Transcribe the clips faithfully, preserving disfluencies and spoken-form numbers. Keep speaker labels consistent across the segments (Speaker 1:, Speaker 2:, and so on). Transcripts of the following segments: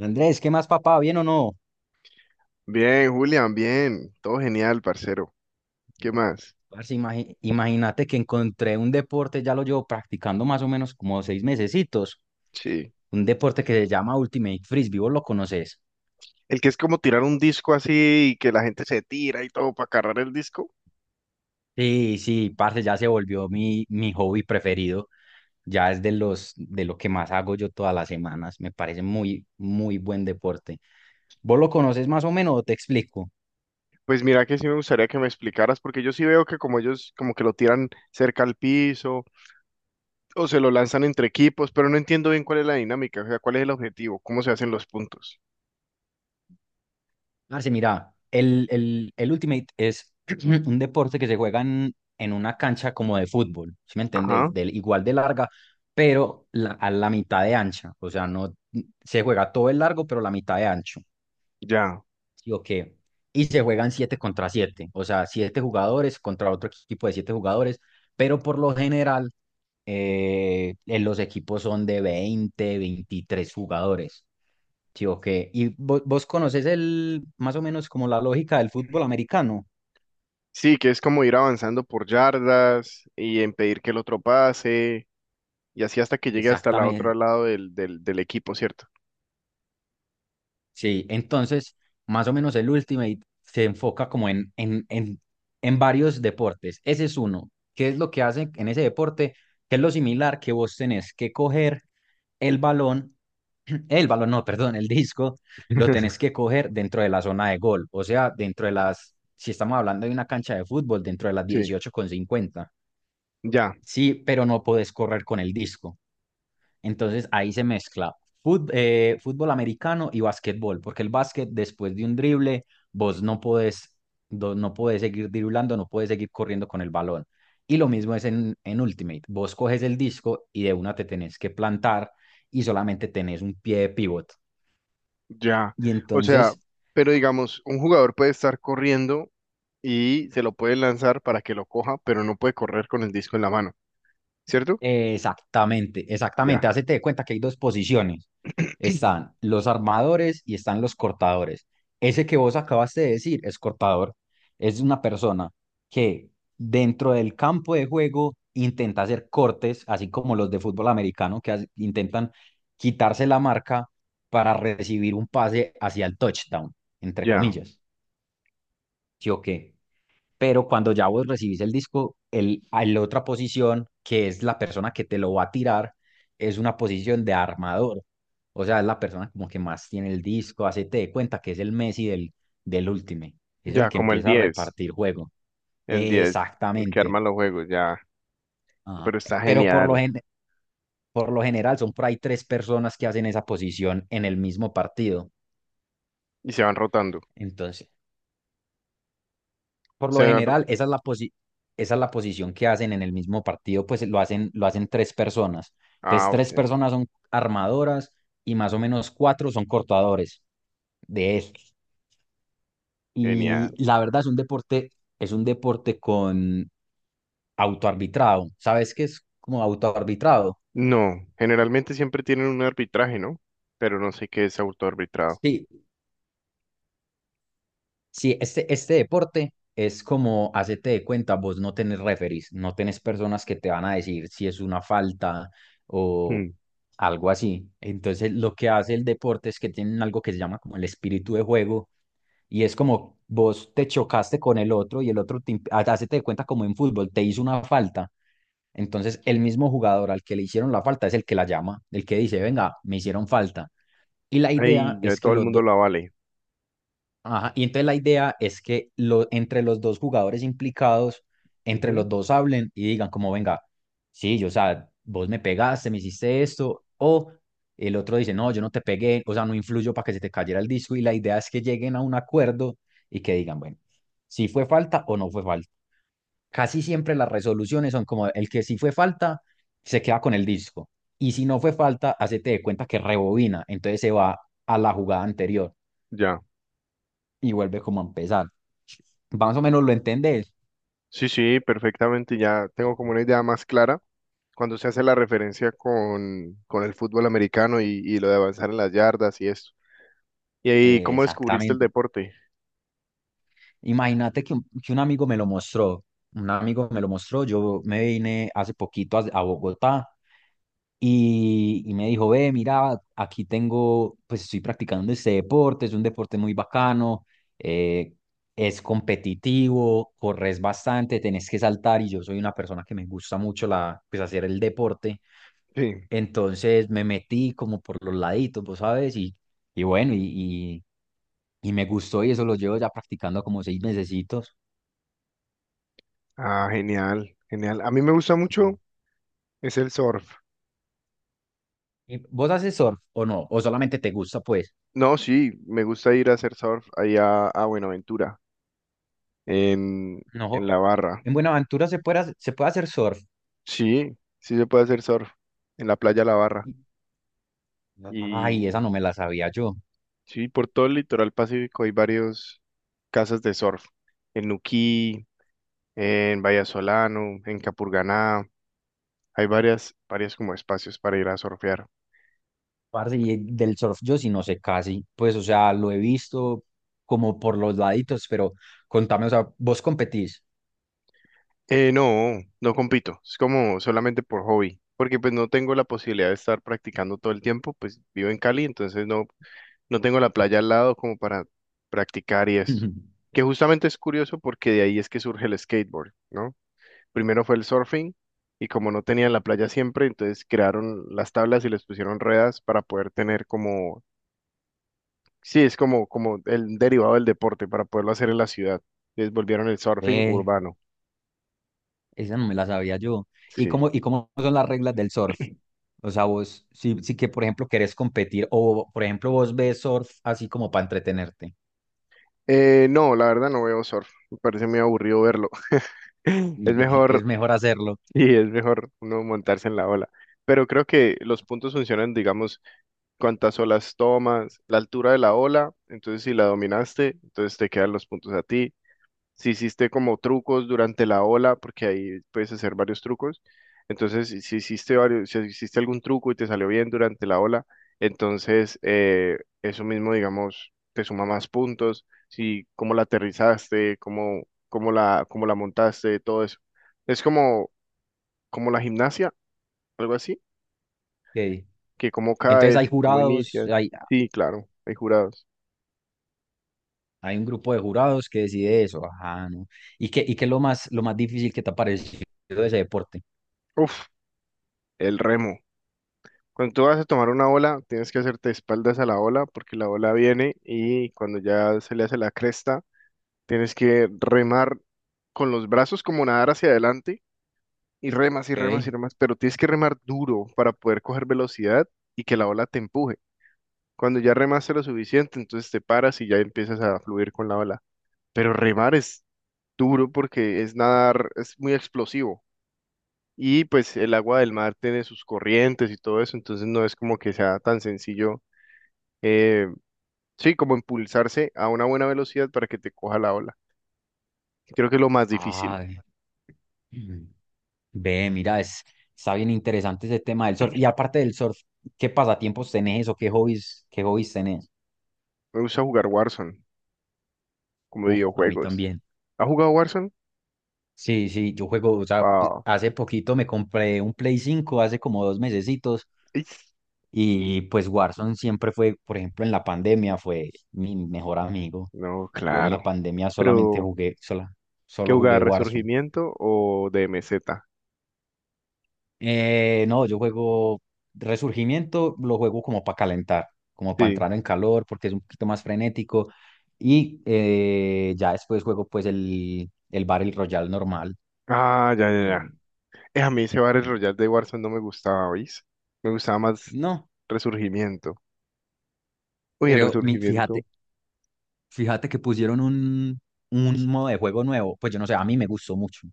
Speaker 1: Andrés, ¿qué más, papá? ¿Bien o no?
Speaker 2: Bien, Julián, bien. Todo genial, parcero. ¿Qué más?
Speaker 1: Parce, imagi- imagínate que encontré un deporte, ya lo llevo practicando más o menos como seis mesecitos,
Speaker 2: Sí.
Speaker 1: un deporte que se llama Ultimate Frisbee, ¿vos lo conoces?
Speaker 2: El que es como tirar un disco así y que la gente se tira y todo para cargar el disco.
Speaker 1: Sí, sí, parce, ya se volvió mi, mi hobby preferido, ya es de los, de lo que más hago yo todas las semanas, me parece muy, muy buen deporte. ¿Vos lo conoces más o menos o te explico?
Speaker 2: Pues mira que sí me gustaría que me explicaras, porque yo sí veo que como ellos como que lo tiran cerca al piso o se lo lanzan entre equipos, pero no entiendo bien cuál es la dinámica, o sea, cuál es el objetivo, cómo se hacen los puntos.
Speaker 1: Marce, mira, el, el, el Ultimate es un deporte que se juega en, en una cancha como de fútbol, ¿sí me
Speaker 2: Ajá,
Speaker 1: entendés? Del, igual de larga, pero la- a la mitad de ancha. O sea, no se juega todo el largo, pero la mitad de ancho.
Speaker 2: ya.
Speaker 1: ¿Sí o qué? Y se juegan siete contra siete. O sea, siete jugadores contra otro equipo de siete jugadores, pero por lo general eh, eh, los equipos son de veinte veintitrés jugadores. Sí, ok. ¿Y vo- vos, conoces el, más o menos como la lógica del fútbol americano?
Speaker 2: Sí, que es como ir avanzando por yardas y impedir que el otro pase, y así hasta que llegue hasta la
Speaker 1: Exactamente.
Speaker 2: otro lado del, del, del equipo, ¿cierto?
Speaker 1: Sí, entonces, más o menos el Ultimate se enfoca como en, en, en, en varios deportes. Ese es uno. ¿Qué es lo que hace en ese deporte? ¿Qué es lo similar que vos tenés que coger el balón, el balón, no, perdón, el disco, lo tenés que coger dentro de la zona de gol? O sea, dentro de las, si estamos hablando de una cancha de fútbol, dentro de las
Speaker 2: Sí,
Speaker 1: dieciocho con cincuenta.
Speaker 2: ya,
Speaker 1: Sí, pero no podés correr con el disco. Entonces ahí se mezcla fut- eh, fútbol americano y básquetbol porque el básquet después de un drible, vos no podés, do- no podés seguir driblando, no podés seguir corriendo con el balón. Y lo mismo es en, en Ultimate. Vos coges el disco y de una te tenés que plantar y solamente tenés un pie de pivot.
Speaker 2: ya.
Speaker 1: Y
Speaker 2: O sea,
Speaker 1: entonces.
Speaker 2: pero digamos, un jugador puede estar corriendo y se lo puede lanzar para que lo coja, pero no puede correr con el disco en la mano, ¿cierto?
Speaker 1: Exactamente,
Speaker 2: Ya,
Speaker 1: exactamente. Hacete de cuenta que hay dos posiciones. Están los armadores y están los cortadores. Ese que vos acabaste de decir es cortador. Es una persona que dentro del campo de juego intenta hacer cortes, así como los de fútbol americano, que hace- intentan quitarse la marca para recibir un pase hacia el touchdown, entre
Speaker 2: ya,
Speaker 1: comillas. ¿Sí o qué? Pero cuando ya vos recibís el disco, el, a la otra posición, que es la persona que te lo va a tirar, es una posición de armador. O sea, es la persona como que más tiene el disco, hacete de cuenta que es el Messi del, del Ultimate, es el
Speaker 2: ya,
Speaker 1: que
Speaker 2: como el
Speaker 1: empieza a
Speaker 2: diez,
Speaker 1: repartir juego.
Speaker 2: el diez, el que arma
Speaker 1: Exactamente.
Speaker 2: los juegos, ya.
Speaker 1: Ajá.
Speaker 2: Pero está
Speaker 1: Pero por lo,
Speaker 2: genial.
Speaker 1: gen- por lo general son por ahí tres personas que hacen esa posición en el mismo partido.
Speaker 2: Y se van rotando.
Speaker 1: Entonces, por lo
Speaker 2: Se van... ro-.
Speaker 1: general, esa es la posi- esa es la posición que hacen en el mismo partido, pues lo hacen, lo hacen tres personas. Entonces,
Speaker 2: Ah,
Speaker 1: tres
Speaker 2: ok,
Speaker 1: personas son armadoras y más o menos cuatro son cortadores de estos. Y
Speaker 2: genial.
Speaker 1: la verdad es un deporte, es un deporte con autoarbitrado. ¿Sabes qué es como autoarbitrado?
Speaker 2: No, generalmente siempre tienen un arbitraje, ¿no? Pero no sé qué es autoarbitrado.
Speaker 1: Sí, sí, este, este deporte es como hacerte de cuenta, vos no tenés referees, no tenés personas que te van a decir si es una falta o
Speaker 2: Mm.
Speaker 1: algo así. Entonces, lo que hace el deporte es que tienen algo que se llama como el espíritu de juego y es como vos te chocaste con el otro y el otro te, imp- ha- hacete de cuenta como en fútbol, te hizo una falta. Entonces, el mismo jugador al que le hicieron la falta es el que la llama, el que dice, venga, me hicieron falta. Y la
Speaker 2: Ay,
Speaker 1: idea
Speaker 2: ya
Speaker 1: es que
Speaker 2: todo el
Speaker 1: los
Speaker 2: mundo
Speaker 1: dos.
Speaker 2: lo vale.
Speaker 1: Ajá, y entonces la idea es que lo, entre los dos jugadores implicados, entre los dos hablen y digan como, venga, sí, yo, o sea, vos me pegaste, me hiciste esto, o el otro dice, no, yo no te pegué, o sea, no influyo para que se te cayera el disco, y la idea es que lleguen a un acuerdo y que digan, bueno, si fue falta o no fue falta. Casi siempre las resoluciones son como, el que si fue falta, se queda con el disco, y si no fue falta, hacete de cuenta que rebobina, entonces se va a la jugada anterior
Speaker 2: Ya.
Speaker 1: y vuelve como a empezar. Más o menos lo entendés.
Speaker 2: Sí, sí, perfectamente. Ya tengo como una idea más clara cuando se hace la referencia con, con el fútbol americano y, y lo de avanzar en las yardas y esto. ¿Y ahí
Speaker 1: Eh,
Speaker 2: cómo descubriste el
Speaker 1: exactamente.
Speaker 2: deporte?
Speaker 1: Imagínate que un, que un amigo me lo mostró. Un amigo me lo mostró. Yo me vine hace poquito a, a Bogotá y, y me dijo, ve, mira, aquí tengo, pues estoy practicando este deporte, es un deporte muy bacano, eh, es competitivo, corres bastante, tenés que saltar y yo soy una persona que me gusta mucho la, pues hacer el deporte.
Speaker 2: Sí.
Speaker 1: Entonces me metí como por los laditos, vos sabes, y, y bueno, y, y, y me gustó y eso lo llevo ya practicando como seis mesecitos.
Speaker 2: Ah, genial, genial. A mí me gusta
Speaker 1: Sí.
Speaker 2: mucho es el surf.
Speaker 1: ¿Y ¿vos haces surf o no? ¿O solamente te gusta, pues?
Speaker 2: No, sí, me gusta ir a hacer surf allá a Buenaventura, en, en
Speaker 1: No.
Speaker 2: la barra.
Speaker 1: En Buenaventura se puede, hacer- se puede hacer surf.
Speaker 2: Sí, sí se puede hacer surf en la playa La Barra.
Speaker 1: Y- Ay,
Speaker 2: Y
Speaker 1: esa no me la sabía yo.
Speaker 2: sí, por todo el litoral pacífico hay varios casas de surf. En Nuquí, en Solano, en Capurganá, hay varias, varias como espacios para ir a surfear.
Speaker 1: Parce, y del surf yo sí no sé casi. Pues, o sea, lo he visto como por los laditos, pero contame, o sea, ¿vos competís?
Speaker 2: Eh, no, no compito, es como solamente por hobby, porque pues no tengo la posibilidad de estar practicando todo el tiempo, pues vivo en Cali, entonces no, no tengo la playa al lado como para practicar y esto. Que justamente es curioso porque de ahí es que surge el skateboard, ¿no? Primero fue el surfing y como no tenían la playa siempre, entonces crearon las tablas y les pusieron ruedas para poder tener como, sí, es como, como el derivado del deporte para poderlo hacer en la ciudad. Les volvieron el surfing
Speaker 1: Eh,
Speaker 2: urbano.
Speaker 1: esa no me la sabía yo. ¿Y
Speaker 2: Sí.
Speaker 1: cómo, y cómo son las reglas del surf? O sea, vos, si, si que, por ejemplo, querés competir o, por ejemplo, vos ves surf así como para entretenerte,
Speaker 2: Eh, no, la verdad no veo surf. Me parece muy aburrido verlo. Es
Speaker 1: es
Speaker 2: mejor,
Speaker 1: mejor hacerlo.
Speaker 2: y es mejor uno montarse en la ola. Pero creo que los puntos funcionan, digamos, cuántas olas tomas, la altura de la ola. Entonces, si la dominaste, entonces te quedan los puntos a ti. Si hiciste como trucos durante la ola, porque ahí puedes hacer varios trucos, entonces si si hiciste varios, si hiciste algún truco y te salió bien durante la ola, entonces eh, eso mismo, digamos, te suma más puntos, si cómo la aterrizaste, cómo, cómo la, cómo la montaste, todo eso. Es como, como la gimnasia, algo así,
Speaker 1: Ok.
Speaker 2: que cómo
Speaker 1: Entonces
Speaker 2: caes,
Speaker 1: hay
Speaker 2: cómo
Speaker 1: jurados,
Speaker 2: inicias.
Speaker 1: hay,
Speaker 2: Sí, claro, hay jurados.
Speaker 1: hay un grupo de jurados que decide eso. Ajá, ¿no? ¿Y qué, y qué es lo más, lo más difícil que te ha parecido de ese deporte?
Speaker 2: Uf, el remo. Cuando tú vas a tomar una ola, tienes que hacerte espaldas a la ola porque la ola viene y cuando ya se le hace la cresta, tienes que remar con los brazos como nadar hacia adelante y remas y remas y
Speaker 1: Okay.
Speaker 2: remas, pero tienes que remar duro para poder coger velocidad y que la ola te empuje. Cuando ya remaste lo suficiente, entonces te paras y ya empiezas a fluir con la ola. Pero remar es duro porque es nadar, es muy explosivo. Y pues el agua del mar tiene sus corrientes y todo eso, entonces no es como que sea tan sencillo eh, sí, como impulsarse a una buena velocidad para que te coja la ola. Creo que es lo más difícil.
Speaker 1: Ay, ve, mira, es, está bien interesante ese tema del surf. Y aparte del surf, ¿qué pasatiempos tenés o qué hobbies, qué hobbies tenés?
Speaker 2: Me gusta jugar Warzone, como
Speaker 1: Uf, a mí
Speaker 2: videojuegos.
Speaker 1: también.
Speaker 2: ¿Has jugado Warzone?
Speaker 1: Sí, sí, yo juego, o sea, pues,
Speaker 2: Wow.
Speaker 1: hace poquito me compré un Play cinco hace como dos mesecitos,
Speaker 2: Is-.
Speaker 1: y pues Warzone siempre fue, por ejemplo, en la pandemia fue mi mejor amigo.
Speaker 2: No,
Speaker 1: Yo en
Speaker 2: claro.
Speaker 1: la pandemia solamente
Speaker 2: Pero,
Speaker 1: jugué, sola,
Speaker 2: ¿qué
Speaker 1: solo jugué
Speaker 2: jugar?
Speaker 1: Warzone.
Speaker 2: ¿Resurgimiento o D M Z?
Speaker 1: Eh, no, yo juego Resurgimiento, lo juego como para calentar, como para
Speaker 2: Sí.
Speaker 1: entrar en calor, porque es un poquito más frenético, y eh, ya después juego pues el, el Battle Royale normal.
Speaker 2: Ah, ya, ya,
Speaker 1: el-
Speaker 2: ya. Eh, a mí ese Battle Royale de Warzone no me gustaba, ¿oís? Me gustaba más
Speaker 1: No,
Speaker 2: Resurgimiento. Uy, en
Speaker 1: pero mi, fíjate,
Speaker 2: Resurgimiento,
Speaker 1: fíjate que pusieron un, un modo de juego nuevo, pues yo no sé, a mí me gustó mucho.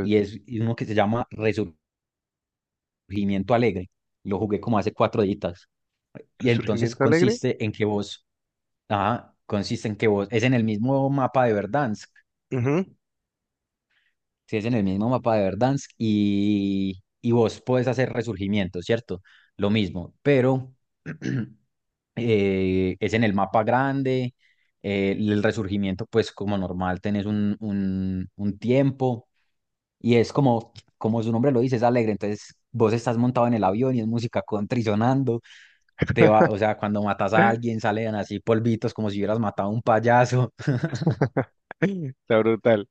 Speaker 1: Y es uno que se llama Resurgimiento Alegre. Lo jugué como hace cuatro días. Y entonces
Speaker 2: ¿Resurgimiento Alegre?
Speaker 1: consiste en que vos, ajá, consiste en que vos, es en el mismo mapa de Verdansk,
Speaker 2: Ujú.
Speaker 1: si es en el mismo mapa de Verdansk y, y vos podés hacer resurgimiento, ¿cierto? Lo mismo, pero eh, es en el mapa grande, eh, el resurgimiento pues como normal tenés un, un, un tiempo y es como, como su nombre lo dice, es alegre, entonces vos estás montado en el avión y es música country sonando, te va, o sea, cuando matas a alguien salen así polvitos como si hubieras matado a un payaso,
Speaker 2: Está brutal,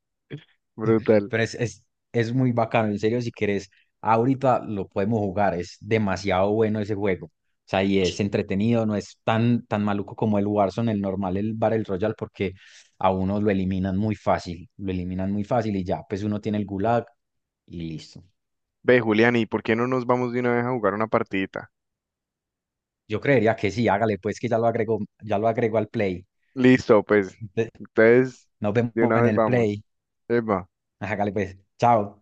Speaker 2: brutal.
Speaker 1: pero es, es, es muy bacano, en serio, si querés, ahorita lo podemos jugar, es demasiado bueno ese juego. O sea, y es entretenido, no es tan, tan maluco como el Warzone, el normal, el Battle Royale, porque a uno lo eliminan muy fácil, lo eliminan muy fácil y ya, pues uno tiene el Gulag y listo.
Speaker 2: Ve, Julián, ¿y por qué no nos vamos de una vez a jugar una partidita?
Speaker 1: Yo creería que sí, hágale pues que ya lo agrego, ya lo agrego al Play.
Speaker 2: Listo, pues.
Speaker 1: Ve-
Speaker 2: Entonces,
Speaker 1: Nos vemos
Speaker 2: de una
Speaker 1: en
Speaker 2: vez
Speaker 1: el
Speaker 2: vamos.
Speaker 1: Play.
Speaker 2: Epa.
Speaker 1: Hágale pues, chao.